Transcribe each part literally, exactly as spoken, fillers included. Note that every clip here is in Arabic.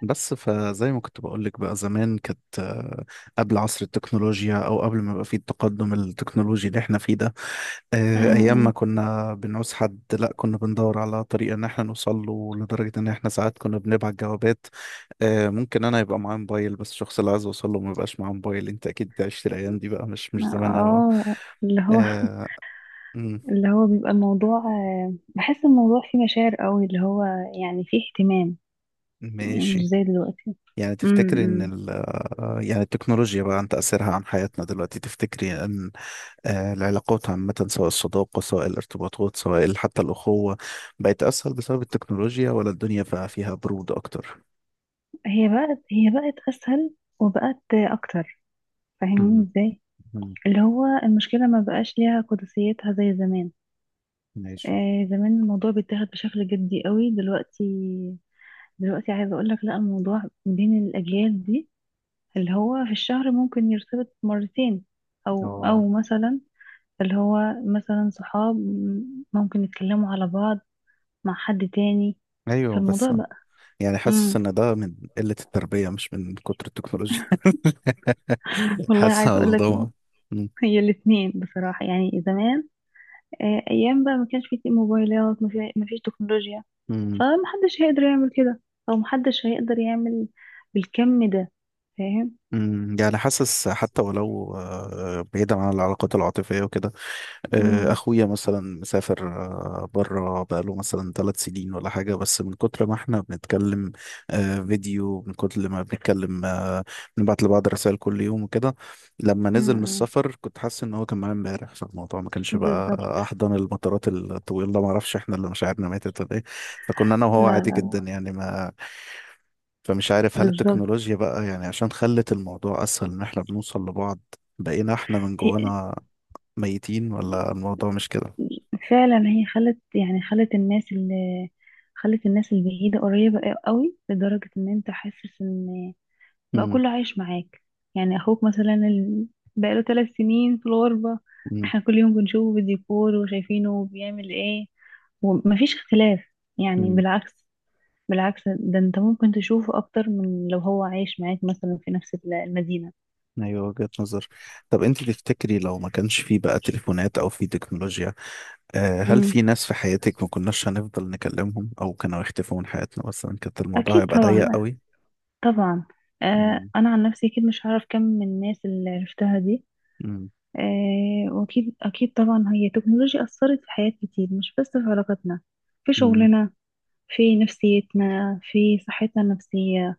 بس فزي ما كنت بقولك بقى زمان كانت آه، قبل عصر التكنولوجيا او قبل ما يبقى فيه التقدم التكنولوجي اللي احنا فيه ده. آه، ايام ما أمم. كنا بنعوز حد لا كنا بندور على طريقه ان احنا نوصل له لدرجه ان احنا ساعات كنا بنبعت جوابات. آه، ممكن انا يبقى معايا موبايل بس الشخص اللي عايز اوصل له ما يبقاش معاه موبايل، انت اكيد عشت الايام دي بقى، مش مش زمان قوي. اه اللي هو آه، مم، اللي هو بيبقى الموضوع، آه، بحس الموضوع فيه مشاعر قوي، اللي هو يعني فيه اهتمام. يعني مش ماشي. زي دلوقتي. يعني تفتكر ان أمم. ال آه، يعني التكنولوجيا بقى، عن تأثيرها عن حياتنا دلوقتي، تفتكري ان آه، العلاقات عامة، سواء الصداقة سواء الارتباطات سواء حتى الأخوة، بقت أسهل بسبب التكنولوجيا ولا الدنيا بقى فيها برود أكتر؟ هي بقت هي بقت اسهل وبقت اكتر. فاهمين مم. ازاي؟ مم. اللي هو المشكلة ما بقاش ليها قدسيتها زي زمان. ماشي. آه زمان الموضوع بيتاخد بشكل جدي قوي. دلوقتي دلوقتي عايزة اقول لك، لا، الموضوع بين الاجيال دي اللي هو في الشهر ممكن يرتبط مرتين، او اه. او مثلا، اللي هو مثلا صحاب ممكن يتكلموا على بعض مع حد تاني في أيوه بس. الموضوع بقى. يعني حاسس امم. إن ده من قلة التربية مش من كتر التكنولوجيا. والله حاسس عايزه على اقول لك، ضوء. هي الاثنين بصراحه، يعني زمان، آه، ايام بقى ما كانش في موبايلات، ما في ما فيش تكنولوجيا، فمحدش هيقدر يعمل كده، او محدش هيقدر يعمل بالكم ده. فاهم؟ يعني حاسس حتى ولو، آه، بعيدا عن العلاقات العاطفية وكده، آه، امم. اخويا مثلا مسافر بره بقاله مثلا ثلاث سنين ولا حاجه، بس من كتر ما احنا بنتكلم آه، فيديو، من كتر ما بنتكلم آه، بنبعت لبعض رسائل كل يوم وكده، لما أمم، نزل من أمم. السفر كنت حاسس ان هو كان معايا امبارح، فالموضوع ما كانش بقى بالظبط. احضن المطارات الطويله. ما اعرفش احنا اللي مشاعرنا ماتت ولا ايه، فكنا انا لا وهو عادي لا جدا لا. يعني. ما فمش عارف، هل بالظبط. التكنولوجيا بقى، يعني عشان خلت الموضوع اسهل ان احنا بنوصل لبعض، بقينا احنا من هي جوانا ميتين، ولا الموضوع مش كده؟ فعلا هي خلت، يعني خلت الناس اللي خلت الناس البعيدة قريبة قوي، لدرجة ان انت حاسس ان بقى امم. كله عايش معاك. يعني اخوك مثلا، ال- بقاله ثلاث سنين في الغربة، امم. احنا كل يوم بنشوفه بالديكور وشايفينه بيعمل ايه، ومفيش اختلاف، يعني امم. بالعكس. بالعكس، ده انت ممكن تشوفه اكتر من لو هو عايش معاك مثلا في نفس ال- المدينة. ايوه وجهة نظر. طب انت تفتكري لو ما كانش في بقى تليفونات او في تكنولوجيا، آه، هل امم. في ناس في حياتك ما كناش هنفضل نكلمهم او كانوا يختفوا من حياتنا مثلا، كانت الموضوع أكيد هيبقى ضيق طبعا. قوي؟ طبعا. آه امم. أنا عن نفسي أكيد مش هعرف كم من الناس اللي عرفتها دي. امم. آه واكيد اكيد طبعا هي التكنولوجيا اثرت في حياة كتير، مش بس في علاقاتنا، في امم. شغلنا، في نفسيتنا، في صحتنا النفسية،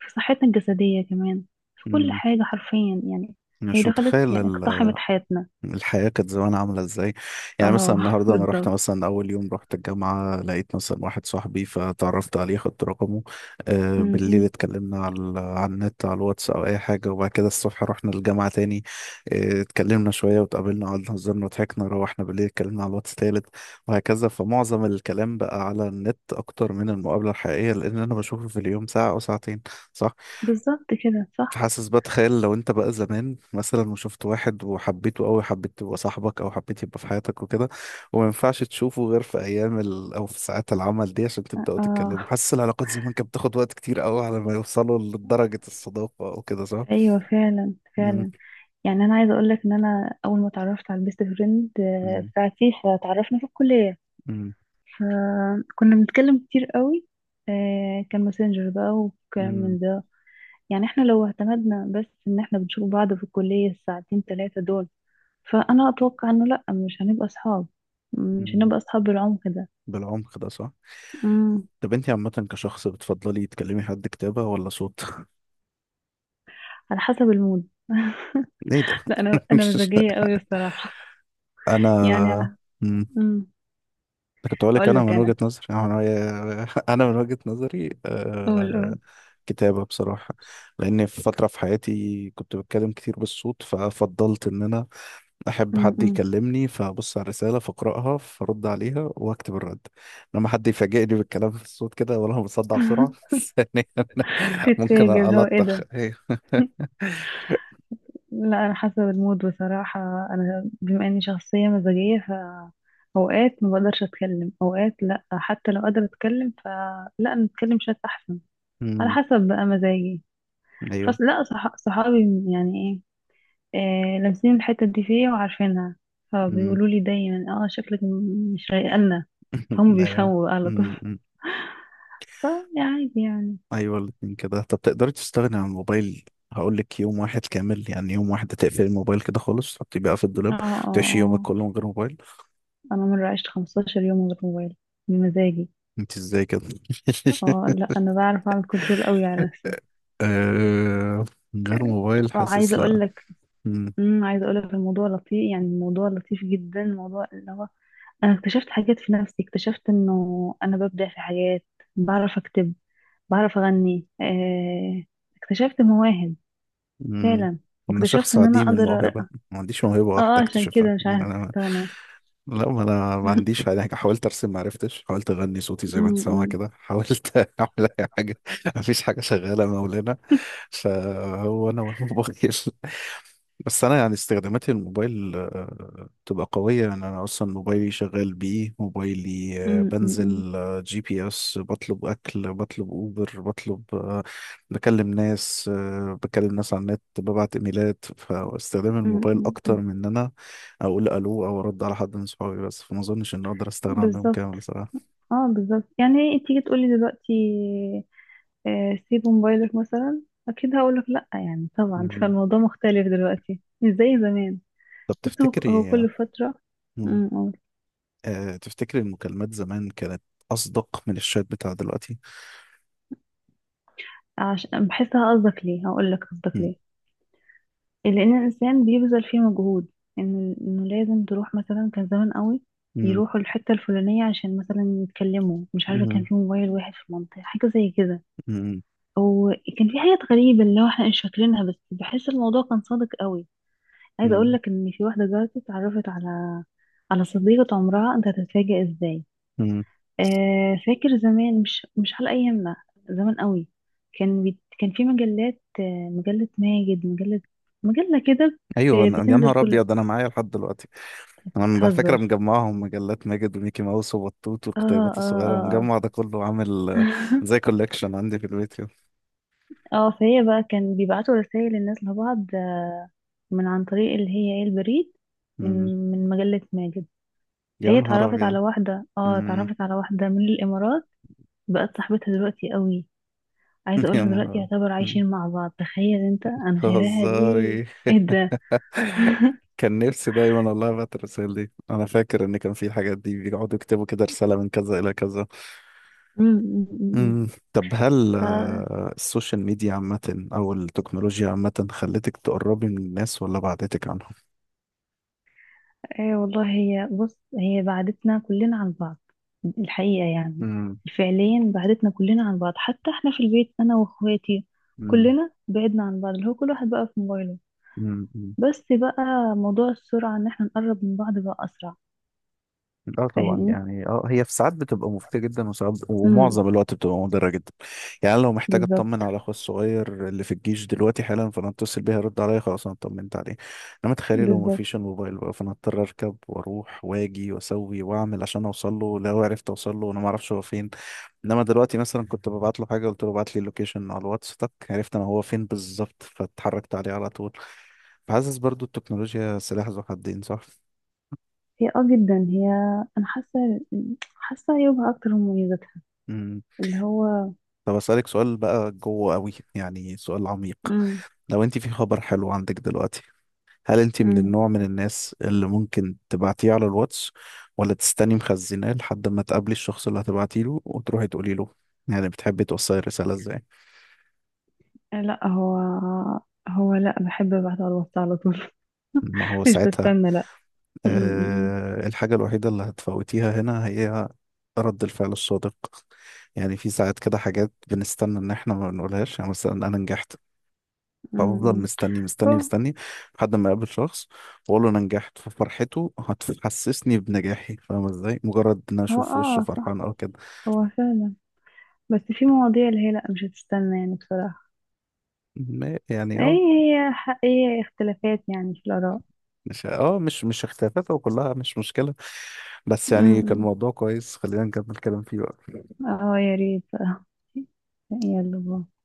في صحتنا الجسدية كمان، في كل أمم. حاجة حرفيا يعني. هي مش دخلت، متخيل يعني اقتحمت حياتنا. الحياة كانت زمان عاملة ازاي. يعني مثلا اه النهاردة انا رحت، بالظبط. مثلا اول يوم رحت الجامعة لقيت مثلا واحد صاحبي فتعرفت عليه خدت رقمه، آه م- بالليل م. اتكلمنا على ال- على النت، على الواتس او اي حاجة، وبعد كده الصبح رحنا الجامعة تاني، آه اتكلمنا شوية واتقابلنا قعدنا هزرنا وضحكنا، روحنا بالليل اتكلمنا على الواتس تالت، وهكذا. فمعظم الكلام بقى على النت اكتر من المقابلة الحقيقية، لان انا بشوفه في اليوم ساعة او ساعتين، صح؟ بالظبط كده صح. حاسس، بتخيل لو انت بقى زمان مثلا وشفت واحد وحبيته قوي، حبيت يبقى صاحبك او حبيت يبقى في حياتك وكده، وما ينفعش تشوفه غير في ايام ال... او في ساعات العمل دي عشان تبداوا اه تتكلموا، حاسس العلاقات زمان كانت بتاخد وقت كتير قوي على ما يوصلوا لدرجة الصداقة او كده، صح؟ ايوه فعلا مم، فعلا. يعني انا عايزه اقول لك ان انا اول ما اتعرفت على البيست فريند آه، مم، بتاعتي، فتعرفنا في الكليه، مم، فكنا بنتكلم كتير قوي، آه، كان ماسنجر بقى وكلام مم، من ده. يعني احنا لو اعتمدنا بس ان احنا بنشوف بعض في الكلية الساعتين ثلاثة دول، فانا اتوقع انه لا، مش هنبقى اصحاب. مش مم. هنبقى اصحاب بالعمق ده. بالعمق ده، صح. امم. طب انت عامة كشخص بتفضلي تكلمي حد كتابة ولا صوت؟ على حسب المود. ايه ده؟ لا، انا انا مزاجية قوي الصراحة. يعني انا على، امم، كنت أقول لك، هقول أنا لك من وجهة انا. نظري أنا، من وجهة، أنا من وجهة نظري قول آه... قول. كتابة بصراحة. لأن في فترة في حياتي كنت بتكلم كتير بالصوت، ففضلت إن أنا أحب حد امم. يكلمني فأبص على الرسالة فأقرأها فأرد عليها وأكتب الرد. لما حد يفاجئني بالكلام في الصوت كده ولا، أنا بصدع بسرعة، ثانيا ممكن تتفاجئ، اللي هو ايه ألطخ، ده. أيوه. لا، انا حسب المود بصراحة. انا بما اني شخصية مزاجية، ف اوقات ما بقدرش اتكلم، اوقات لا، حتى لو قادرة اتكلم فلا، انا اتكلم شات احسن. على أمم، حسب بقى مزاجي. أيوه، فص لا صح... صحابي يعني، ايه، آه لامسين الحتة دي فيا وعارفينها، أمم، فبيقولوا لي دايما، اه شكلك م- مش رايقة لنا. فهم أيوه. بيفهموا بقى على طول. فا عادي يعني. ايوه الاتنين كده. طب تقدري تستغني عن الموبايل؟ هقول لك، يوم واحد كامل، يعني يوم واحد تقفلي الموبايل كده خالص، تحطيه بقى في اه الدولاب، اه تعيشي يومك اه. كله من غير موبايل. انا مرة عشت 15 يوم من غير موبايل، بمزاجي. انت ازاي كده؟ اه لا، انا بعرف اعمل كنترول قوي على نفسي. آه، من غير موبايل، حاسس وعايزه اقول لا. لك، مم. امم، عايزه اقول لك الموضوع لطيف، يعني الموضوع لطيف جدا، الموضوع اللي هو انا اكتشفت حاجات في نفسي، اكتشفت انه انا ببدع في حاجات، بعرف اكتب، بعرف اغني، آه، اكتشفت مواهب مم. فعلا، انا واكتشفت شخص ان انا عديم اقدر. الموهبه، ما عنديش موهبه اه، واحده آه، عشان اكتشفها كده مش عارفه انا. استغنى. لا، ما انا ما عنديش يعني، حاولت ارسم ما عرفتش، حاولت اغني صوتي زي ما أمم، انت سامع أمم، كده، حاولت اعمل اي حاجه، ما فيش حاجه شغاله مولانا، فهو انا والموبايل. بس انا يعني استخداماتي للموبايل آه، بتبقى قويه، يعني انا اصلا موبايلي شغال بيه، موبايلي آه، أمم، بنزل آه، جي بي اس، بطلب اكل، بطلب اوبر، بطلب آه، بكلم ناس آه، بكلم ناس على النت، ببعت ايميلات، فاستخدام أمم، الموبايل أمم، اكتر أمم. من ان انا اقول الو او ارد على حد من صحابي بس، فما اظنش ان اقدر استغنى عنهم بالظبط. كامل بصراحه. اه بالظبط. يعني إيه، تيجي تقولي دلوقتي، آه، سيب موبايلك مثلا، اكيد هقولك لا، يعني طبعا. مم. فالموضوع مختلف دلوقتي، مش زي زمان. طب بس هو هو تفتكري آه، كل فترة. مم. أمم. أقول. أه تفتكر المكالمات زمان كانت أصدق من الشات بتاع دلوقتي؟ عشان بحسها. قصدك ليه؟ هقولك قصدك مم. ليه. لان الانسان بيبذل فيه مجهود، ان انه لازم تروح مثلا، كان زمان قوي مم. يروحوا الحتة الفلانية عشان مثلا يتكلموا، مش عارفة، كان مم. في موبايل واحد في المنطقة، حاجة زي كده. مم. وكان في حاجات غريبة اللي هو احنا مش فاكرينها، بس بحس الموضوع كان صادق قوي. عايزه اقول مم. لك ان في واحده دلوقتي اتعرفت على، على صديقه عمرها. انت هتتفاجئ ازاي. مم. آه فاكر زمان، مش مش على ايامنا، زمان قوي، كان بي... كان في مجلات، آه، مجله ماجد، مجله مجله كده، أيوه، بت- أنا يا بتنزل نهار كل. أبيض، أنا معايا لحد دلوقتي، أنا فاكرة، بتهزر. مجمعهم، مجلات ماجد وميكي ماوس وبطوط اه والكتيبات اه الصغيرة، اه مجمع ده كله عامل آه، اه. زي كولكشن عندي في البيت كده. اه، فهي بقى كان بيبعتوا رسائل الناس لبعض، آه، من عن طريق اللي هي، ايه، البريد، من مم. من مجله ماجد. يا فهي نهار اتعرفت أبيض. على واحده، اه مم. اتعرفت على واحده من الامارات، بقت صاحبتها دلوقتي قوي، عايزه يا اقولك دلوقتي نهار. يعتبر مم. عايشين مع بعض، تخيل انت انا شايفاها دي. هزاري. ايه ده. كان نفسي دايما والله ابعت الرسائل دي، انا فاكر ان كان في الحاجات دي بيقعدوا يكتبوا كده، رسالة من كذا الى كذا. مم، مم، مم. مم. طب هل فا آه، السوشيال ميديا عامة أو التكنولوجيا عامة خلتك تقربي من الناس ولا بعدتك عنهم؟ ايه والله، هي بص، هي بعدتنا كلنا عن بعض الحقيقه يعني. مم. فعليا بعدتنا كلنا عن بعض، حتى احنا في البيت انا واخواتي، مم. كلنا بعدنا عن بعض، اللي هو كل واحد بقى في موبايله. مم. بس بقى موضوع السرعه ان احنا نقرب من بعض بقى اسرع. اه طبعا، فاهمني؟ يعني، اه هي في ساعات بتبقى مفيدة جدا، وساعات امم. ومعظم الوقت بتبقى مضرة جدا. يعني أنا لو محتاج اطمن بالظبط. على اخويا الصغير اللي في الجيش دلوقتي حالا، فانا اتصل بيه يرد عليا، خلاص انا اطمنت عليه. انما تخيلي لو بالظبط. مفيش الموبايل بقى، فانا اضطر اركب واروح واجي واسوي واعمل عشان اوصل له، لو عرفت اوصل له وانا ما اعرفش هو فين. انما دلوقتي مثلا، كنت ببعت له حاجة، قلت له ابعت لي اللوكيشن على الواتس، تك عرفت انا هو فين بالظبط، فاتحركت عليه على طول. فحاسس برضو التكنولوجيا سلاح ذو حدين، صح؟ هي اه جدا، هي، انا حاسه حاسه عيوبها اكتر من مميزاتها، اللي هو، طب أسألك سؤال بقى جوه قوي، يعني سؤال عميق، امم، لو انت في خبر حلو عندك دلوقتي، هل انت من امم، النوع من الناس اللي ممكن تبعتيه على الواتس، ولا تستني مخزناه لحد ما تقابلي الشخص اللي هتبعتي له وتروحي تقولي له؟ يعني بتحبي توصلي الرسالة ازاي؟ لا هو، هو لا بحب ابعت على الواتس على طول. ما هو مش ساعتها بستنى لا. امم. آه الحاجة الوحيدة اللي هتفوتيها هنا هي رد الفعل الصادق. يعني في ساعات كده حاجات بنستنى ان احنا ما بنقولهاش، يعني مثلا انا نجحت، فافضل امم. مستني مستني هو مستني لحد ما اقابل شخص واقول له انا نجحت، ففرحته هتحسسني بنجاحي، فاهم ازاي؟ مجرد ان انا هو اشوف وشه اه فرحان صح. او كده. هو فعلا. بس في مواضيع اللي هي لا، مش هتستنى يعني بصراحه. ما- يعني ايه، اه هي حقيقة اختلافات يعني في الاراء. مش اه مش مش اختلافات، وكلها مش مشكلة، بس يعني كان امم. موضوع كويس خلينا نكمل كلام فيه بقى. اه يا ريت. يلا باي.